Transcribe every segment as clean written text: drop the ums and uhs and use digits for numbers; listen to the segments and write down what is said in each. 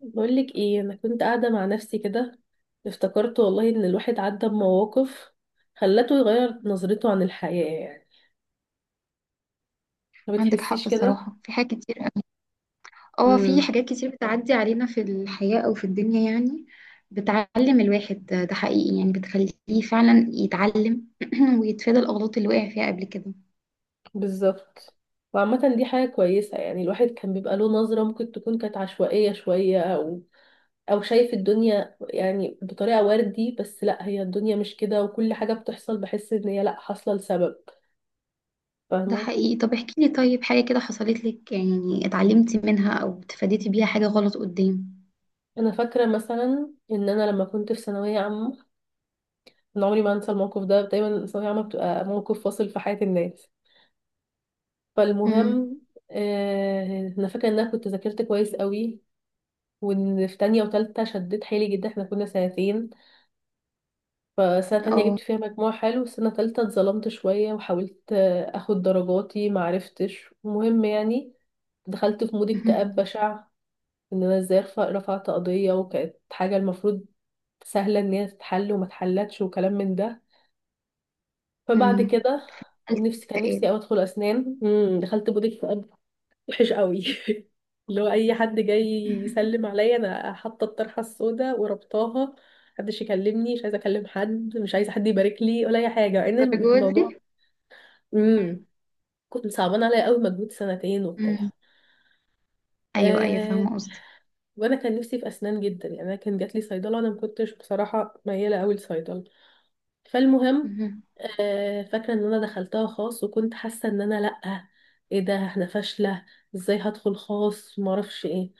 بقولك ايه، انا كنت قاعده مع نفسي كده. افتكرت والله ان الواحد عدى بمواقف خلته يغير نظرته عن الحياه يعني. ما عندك حق، بتحسيش كده؟ الصراحة في حاجات كتير قوي. اه، في امم. حاجات كتير بتعدي علينا في الحياة أو في الدنيا يعني بتعلم الواحد، ده حقيقي يعني بتخليه فعلا يتعلم ويتفادى الأغلاط اللي وقع فيها قبل كده. بالظبط. وعامه دي حاجه كويسه يعني. الواحد كان بيبقى له نظره ممكن تكون كانت عشوائيه شويه او شايف الدنيا يعني بطريقه وردي، بس لا، هي الدنيا مش كده، وكل حاجه بتحصل بحس ان هي لا، حاصله لسبب. ده فاهمه. حقيقي. طب احكي لي، طيب حاجة كده حصلت لك يعني اتعلمتي منها أو اتفاديتي بيها حاجة غلط قدام؟ انا فاكره مثلا ان انا لما كنت في ثانويه عامه، أنا عمري ما أنسى الموقف ده. دايما الثانوية عامة بتبقى موقف فاصل في حياة الناس. امم. فالمهم، آه، أنا فاكرة إن أنا كنت ذاكرت كويس قوي، وإن في تانية وتالتة شديت حيلي جدا. إحنا كنا سنتين، فسنة تانية جبت اه. فيها مجموع حلو، سنة تالتة اتظلمت شوية وحاولت أخد درجاتي، معرفتش. المهم يعني دخلت في مود مهم. اكتئاب بشع، ان انا ازاي رفعت قضية، وكانت حاجة المفروض سهلة ان هي تتحل وما اتحلتش وكلام من ده. فبعد امم. كده قلت نفسي، كان نفسي اكتئاب أوي أدخل أسنان، دخلت بوتيك فؤاد وحش قوي. اللي هو أي حد جاي يسلم عليا، أنا حاطة الطرحة السوداء وربطاها، محدش يكلمني، مش عايزة أكلم حد، مش عايزة حد يبارك لي ولا أي حاجة، مع إن الدرجة الموضوع دي؟ مم. مم. كنت صعبان عليا قوي مجهود سنتين مم. وبتاع. أيوه أيوه أه... فاهمة قصدك. وأنا كان نفسي في أسنان جدا يعني. أنا كان جاتلي صيدلة، أنا ما كنتش بصراحة ميالة قوي لصيدلة. فالمهم، مهم. فاكرة ان انا دخلتها خاص، وكنت حاسة ان انا، لأ، ايه ده، احنا فاشلة، ازاي هدخل خاص، معرفش ايه.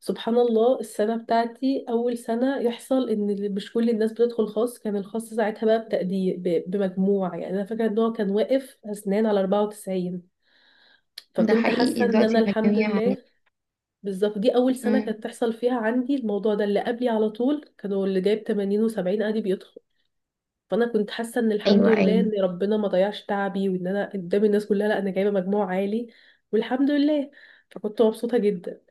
سبحان الله السنة بتاعتي أول سنة يحصل إن مش كل الناس بتدخل خاص. كان الخاص ساعتها بقى بتقدير بمجموع يعني. أنا فاكرة إن هو كان واقف أسنان على 94. ده فكنت حقيقي، حاسة إن أنا دلوقتي الحمد المجاميع لله. بالظبط. دي أول سنة عليه. كانت تحصل فيها عندي الموضوع ده، اللي قبلي على طول كانوا اللي جايب 80 و70 عادي. فانا كنت حاسه ان الحمد ايوه لله ايوه، ان ربنا ما ضيعش تعبي، وان انا قدام الناس كلها، لا، انا جايبه مجموع عالي والحمد لله. فكنت مبسوطه جدا.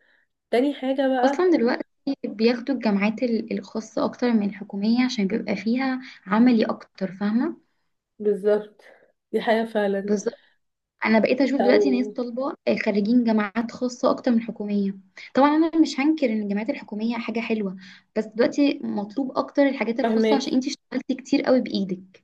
تاني حاجه اصلا بقى، دلوقتي بياخدوا الجامعات الخاصه اكتر من الحكوميه عشان بيبقى فيها عملي اكتر، فاهمه؟ بالظبط، دي حاجه فعلا. بالظبط. انا بقيت اشوف دلوقتي ناس او طالبه، خريجين جامعات خاصه اكتر من الحكوميه. طبعا انا مش هنكر ان الجامعات الحكوميه حاجه حلوه، بس دلوقتي مطلوب اكتر الحاجات الخاصه فهماك. عشان انتي اشتغلتي كتير قوي بايدك.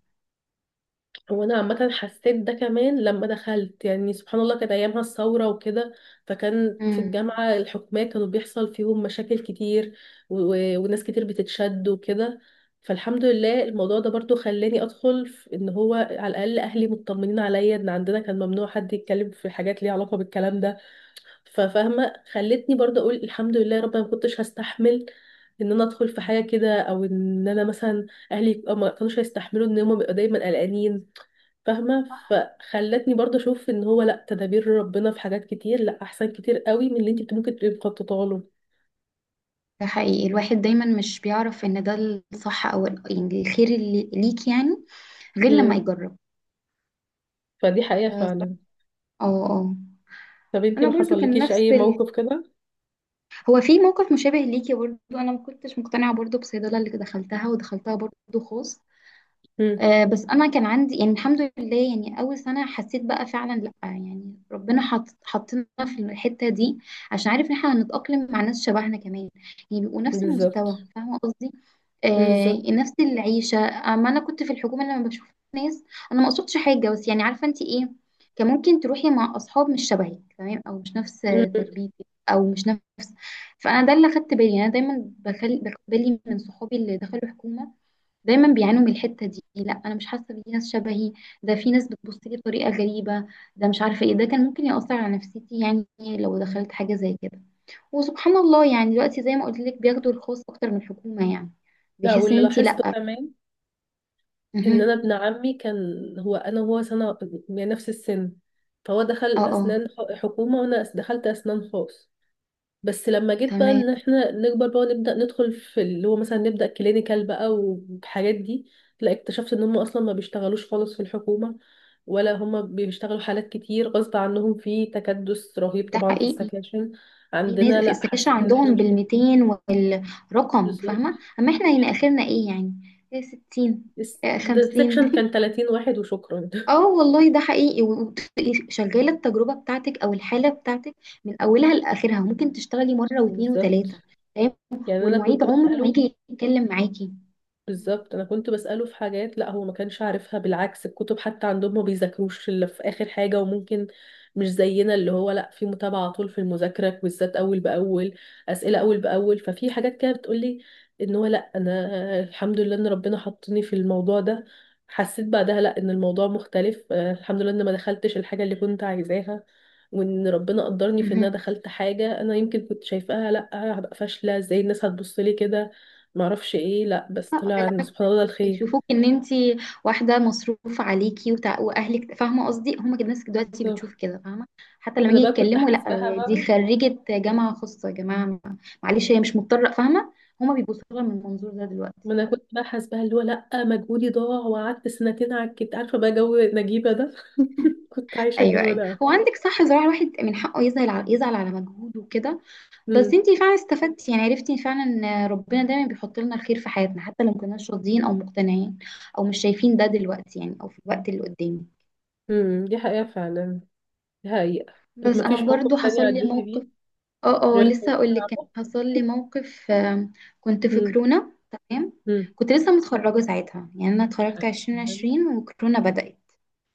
هو انا عامه حسيت ده كمان لما دخلت. يعني سبحان الله كانت ايامها الثوره وكده، فكان في امم. الجامعه الحكوميه كانوا بيحصل فيهم مشاكل كتير وناس كتير بتتشد وكده. فالحمد لله الموضوع ده برضو خلاني ادخل في ان هو على الاقل اهلي مطمنين عليا. ان عندنا كان ممنوع حد يتكلم في حاجات ليها علاقه بالكلام ده. ففاهمه، خلتني برضو اقول الحمد لله يا رب. أنا ما كنتش هستحمل ان انا ادخل في حاجه كده، او ان انا مثلا اهلي ما كانوش هيستحملوا ان هم بيبقوا دايما قلقانين. فاهمة؟ فخلتني برضه اشوف ان هو، لا، تدابير ربنا في حاجات كتير لا، احسن كتير قوي من اللي انت ممكن تبقي مخططه له. ده حقيقي، الواحد دايما مش بيعرف ان ده الصح او يعني الخير اللي ليك يعني، غير لما امم. يجرب. فدي حقيقة ف- فعلا. اه اه. طب انت انا ما برضو كان حصلكيش نفس اي موقف كده؟ هو في موقف مشابه ليكي برضه، انا ما كنتش مقتنعه برضه بصيدله اللي دخلتها، ودخلتها برضه خاص. امم. بس انا كان عندي يعني الحمد لله، يعني اول سنه حسيت بقى فعلا لا، يعني ربنا حطنا في الحته دي عشان عارف ان احنا هنتاقلم مع ناس شبهنا كمان، يعني بيبقوا نفس بالظبط. المستوى، فاهمه قصدي. مم، آه بالظبط. نفس العيشه، اما انا كنت في الحكومه لما بشوف ناس، انا ما قصدتش حاجه بس يعني عارفه انت ايه، كان ممكن تروحي مع اصحاب مش شبهك تمام او مش نفس مم. تربيتك او مش نفس. فانا ده اللي خدت بالي يعني، انا دايما باخد بالي من صحابي اللي دخلوا حكومه دايما بيعانوا من الحتة دي، لا انا مش حاسة بيه ناس شبهي، ده في ناس بتبص لي بطريقة غريبة، ده مش عارفة ايه، ده كان ممكن يأثر على نفسيتي يعني لو دخلت حاجة زي كده. وسبحان الله يعني دلوقتي زي ما قلت لك، بياخدوا الخاص اكتر من الحكومة، يعني لا، بيحس ان واللي انت لاحظته لا. كمان ان انا مهم. ابن عمي كان، هو انا وهو سنة يعني، نفس السن. فهو دخل اه اه. اسنان حكومة، وانا دخلت اسنان خاص. بس لما جيت بقى تمام. ان احنا نكبر بقى ونبدا ندخل في اللي هو مثلا نبدا كلينيكال بقى والحاجات دي، لا، اكتشفت ان هم اصلا ما بيشتغلوش خالص في الحكومه، ولا هم بيشتغلوا حالات كتير غصب عنهم في تكدس رهيب ده طبعا في حقيقي. السكاشن. في ناس عندنا في لا، السكاشن حسيت ان احنا عندهم مش كده. بال200 والرقم، فاهمة؟ بالظبط. اما احنا هنا اخرنا ايه يعني؟ إيه، 60. ده السكشن 50. كان 30 واحد وشكرا. اه والله ده حقيقي. وتبقي شغاله التجربه بتاعتك او الحاله بتاعتك من اولها لاخرها، وممكن تشتغلي مره واثنين بالظبط. وثلاثه. تمام. يعني انا والمعيد كنت عمره ما بساله. يجي يتكلم معاكي. بالظبط انا كنت بساله في حاجات لا، هو ما كانش عارفها. بالعكس، الكتب حتى عندهم ما بيذاكروش الا في اخر حاجه، وممكن مش زينا اللي هو، لا، في متابعه على طول في المذاكره بالذات اول باول، اسئله اول باول. ففي حاجات كده بتقولي ان هو، لا، انا الحمد لله ان ربنا حطني في الموضوع ده. حسيت بعدها، لا، ان الموضوع مختلف. الحمد لله ان ما دخلتش الحاجه اللي كنت عايزاها، وان ربنا قدرني في ان انا مهم. دخلت حاجه انا يمكن كنت شايفاها، لا، هبقى فاشله، ازاي الناس هتبص لي كده، معرفش ايه. لا، بس لا، طلع ان بالعكس، سبحان الله ده الخير. يشوفوك ان انت واحده مصروف عليكي واهلك، فاهمه قصدي؟ هما كده الناس دلوقتي بتشوف كده، فاهمه؟ حتى لما وانا يجي بقى كنت يتكلموا لا حاسباها دي بقى. خريجه جامعه خاصه يا جماعه، معلش هي مش مضطره، فاهمه؟ هما بيبصوا لها من المنظور ده ما دلوقتي. انا كنت بقى حاسباها اللي هو، لا، مجهودي ضاع وقعدت سنتين على الكت. عارفه بقى جو نجيبه ده. كنت عايشه ايوه الجو ايوه، ده. هو عندك صح، زراعة الواحد من حقه يزعل على، مجهوده وكده. بس امم. انتي فعلا استفدتي، يعني عرفتي فعلا ان ربنا دايما بيحط لنا الخير في حياتنا حتى لو مكناش راضيين او مقتنعين او مش شايفين ده دلوقتي، يعني او في الوقت اللي قدامي. امم، دي حقيقه فعلا. دي حقيقه. طب بس ما انا فيش موقف برضو تاني حصل لي عديتي موقف. بيه؟ اه اه، غير لسه اقول لك. كان صعبه. حصل لي موقف كنت في امم. كورونا. تمام. امم. كنت لسه متخرجة ساعتها، يعني انا اتخرجت 2020 وكورونا بدأت.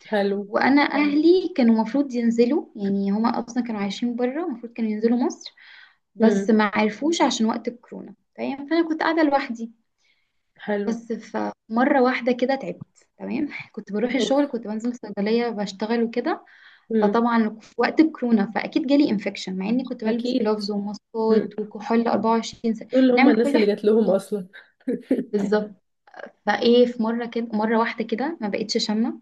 حلو. وانا اهلي كانوا المفروض ينزلوا، يعني هما اصلا كانوا عايشين بره، المفروض كانوا ينزلوا مصر بس امم. ما عرفوش عشان وقت الكورونا. تمام. فانا كنت قاعده لوحدي. حلو. بس فمره واحده كده تعبت. تمام. كنت بروح اوف. الشغل، كنت بنزل صيدليه بشتغل وكده. امم. فطبعا وقت الكورونا فاكيد جالي انفكشن، مع اني كنت بلبس اكيد. جلوفز امم. وماسكات وكحول 24 ساعه، دول اللي هم نعمل الناس كل اللي جات لهم احتياطاتنا. اصلا. بالظبط. فايه في مره كده، مره واحده كده ما بقتش شامه.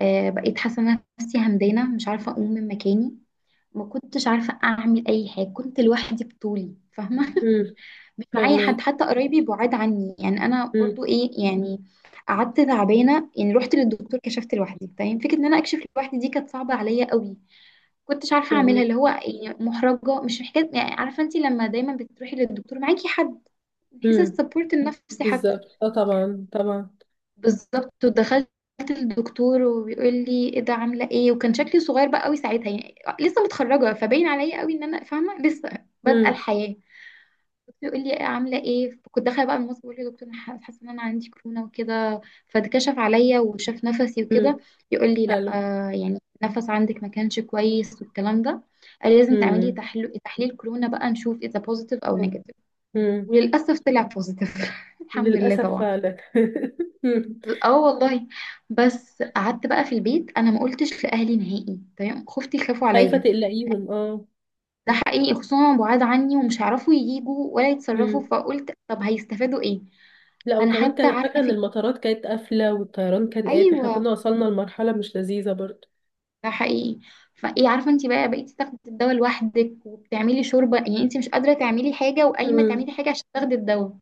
بقيت حاسه إن أنا نفسي همدانه، مش عارفه اقوم من مكاني، ما كنتش عارفه اعمل اي حاجه، كنت لوحدي بطولي، فاهمه؟ امم. مش معايا حد، فاهمك. حتى قرايبي بعاد عني، يعني انا امم. برضو ايه يعني. قعدت تعبانه يعني، رحت للدكتور، كشفت لوحدي، فاهم فكره ان انا اكشف لوحدي دي كانت صعبه عليا قوي، كنتش عارفه اعملها. فاهمك. اللي هو يعني محرجه، مش محتاج يعني، عارفه انت لما دايما بتروحي للدكتور معاكي حد، من حيث السبورت النفسي حتى. بالظبط، اه طبعا طبعا. بالظبط. ودخلت الدكتور، وبيقول لي ايه ده عامله ايه، وكان شكلي صغير بقى قوي ساعتها، يعني لسه متخرجه، فباين عليا قوي ان انا فاهمه لسه بادئه امم. الحياه. الدكتور يقول لي عامله ايه، كنت داخله بقى المصري، بقول له دكتور انا حاسه ان انا عندي كورونا وكده. فاتكشف عليا وشاف نفسي امم. وكده. يقول لي لا حلو. آه، يعني النفس عندك ما كانش كويس والكلام ده. قال لي لازم تعملي امم. تحليل كورونا بقى نشوف اذا بوزيتيف او نيجاتيف. امم. وللاسف طلع بوزيتيف الحمد لله للاسف طبعا. فعلا. مم. اه والله. بس قعدت بقى في البيت، انا ما قلتش لاهلي نهائي. تمام. خفتي يخافوا خايفه عليا، تقلقيهم، اه. ده حقيقي، خصوصا هما بعاد عني ومش هيعرفوا يجوا ولا يتصرفوا، امم. فقلت طب هيستفادوا ايه. لا، انا وكمان حتى كان فاكره عارفه ان فكره. المطارات كانت قافله والطيران كان قافل. احنا ايوه. كنا وصلنا لمرحله مش لذيذه برضه. ده حقيقي. فايه عارفه انت بقى، بقيتي تاخدي الدواء لوحدك وبتعملي شوربه يعني، انت مش قادره تعملي حاجه وقايمه امم. تعملي حاجه عشان تاخدي الدواء.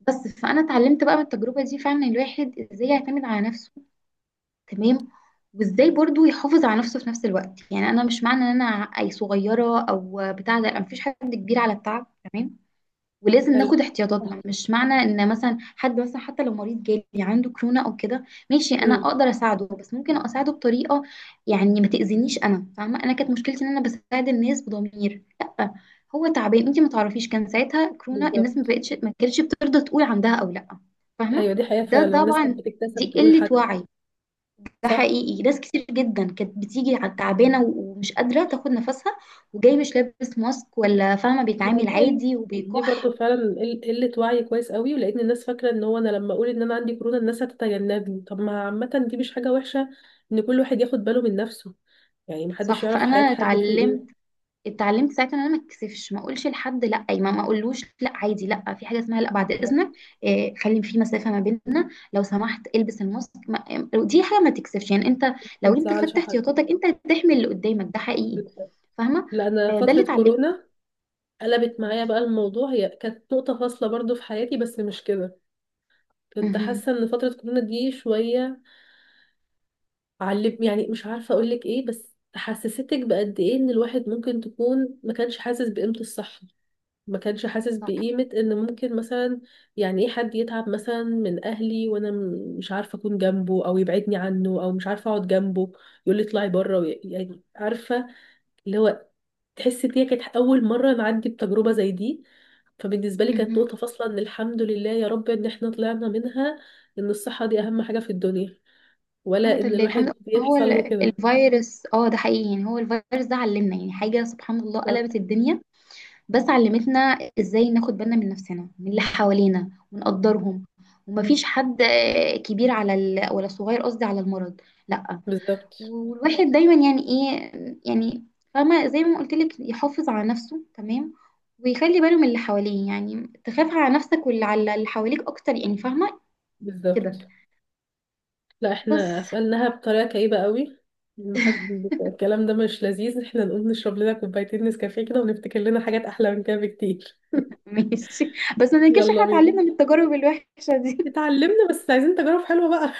بس فانا اتعلمت بقى من التجربه دي فعلا، الواحد ازاي يعتمد على نفسه. تمام. وازاي برضو يحافظ على نفسه في نفس الوقت. يعني انا مش معنى ان انا اي صغيره او بتاع ده، أنا مفيش حد كبير على التعب. تمام. ولازم حلو. ناخد صح. احتياطاتنا. مش معنى ان مثلا حد مثلا حتى لو مريض جالي عنده كورونا او كده، ماشي انا امم. اقدر اساعده بس ممكن اساعده بطريقه يعني ما تاذينيش. انا فاهمه، انا كانت مشكلتي ان انا بساعد الناس بضمير، لا. هو تعبان انت ما تعرفيش، كان ساعتها كورونا الناس ما بالظبط. بقتش، ما كانتش بترضى تقول عندها او لا، فاهمه؟ ايوه دي حقيقه ده بالظبط فعلا، الناس كانت طبعا، بتكتسب دي تقول قله حاجه. وعي. ده صح. حقيقي. ناس كتير جدا كانت بتيجي تعبانه ومش قادره تاخد نفسها، وجاي مش لابس ماسك ولا، فاهمه؟ ما بيتعامل دي قلة. عادي دي برضو وبيكح. فعلا قلة وعي كويس قوي. ولقيت إن الناس فاكرة ان هو انا لما اقول ان انا عندي كورونا الناس هتتجنبني. طب ما عامة دي مش حاجة وحشة ان كل واحد ياخد باله من نفسه. يعني محدش صح. يعرف فانا حياة حد فيه اتعلمت، ايه. ساعتها ان انا ما اتكسفش، ما اقولش لحد لا، أي ما اقولوش لا عادي، لا في حاجه اسمها لا بعد اذنك، بالظبط. إيه خلي في مسافه ما بيننا لو سمحت البس الماسك دي حاجه ما تكسفش يعني انت، ما لو انت تزعلش خدت حد. احتياطاتك انت هتحمي اللي قدامك، ده حقيقي، فاهمه؟ لا، انا ده اللي فترة اتعلمته. كورونا قلبت معايا بقى الموضوع. هي كانت نقطة فاصلة برضو في حياتي، بس مش كده. كنت مهم. حاسة ان فترة كورونا دي شوية علم، يعني مش عارفة اقولك ايه، بس حسستك بقد ايه ان الواحد ممكن تكون ما كانش حاسس بقيمة الصحة. ما كانش حاسس صح. بقيمة ان ممكن مثلا، يعني ايه حد يتعب مثلا من اهلي، وانا مش عارفة اكون جنبه، او يبعدني عنه، او مش عارفة اقعد جنبه، يقول لي اطلعي بره يعني عارفة، اللي هو، تحس ان هي كانت اول مرة نعدي بتجربة زي دي. فبالنسبة لي كانت مهم. نقطة فاصلة ان الحمد لله يا رب ان احنا طلعنا منها. ان الصحة دي اهم حاجة في الدنيا، ولا الحمد ان لله، الحمد الواحد لله. هو يحصل له كده. الفيروس اه ده حقيقي يعني، هو الفيروس ده علمنا يعني حاجه، سبحان الله بالظبط. قلبت الدنيا، بس علمتنا ازاي ناخد بالنا من نفسنا، من اللي حوالينا، ونقدرهم. ومفيش حد كبير على ولا صغير، قصدي على المرض، لا. بالظبط. والواحد دايما يعني ايه يعني، فاهمة زي ما قلت لك، يحافظ على نفسه. تمام. ويخلي باله من اللي حواليه، يعني تخاف على نفسك واللي على اللي حواليك اكتر يعني، فاهمة كده؟ بالظبط. لا، بس احنا قفلناها بطريقه كئيبه قوي. المحد الكلام ده مش لذيذ، احنا نقوم نشرب لنا كوبايتين نسكافيه كده ونفتكر لنا حاجات احلى من كده بكتير. ماشي. بس ما ننكرش يلا احنا بينا. اتعلمنا من التجارب الوحشة دي. اتعلمنا، بس عايزين تجارب حلوه بقى.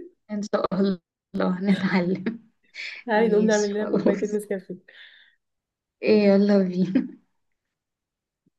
ان شاء الله نتعلم. تعالي نقوم نعمل ماشي لنا كوبايتين خلاص. نسكافيه. إيه، يلا بينا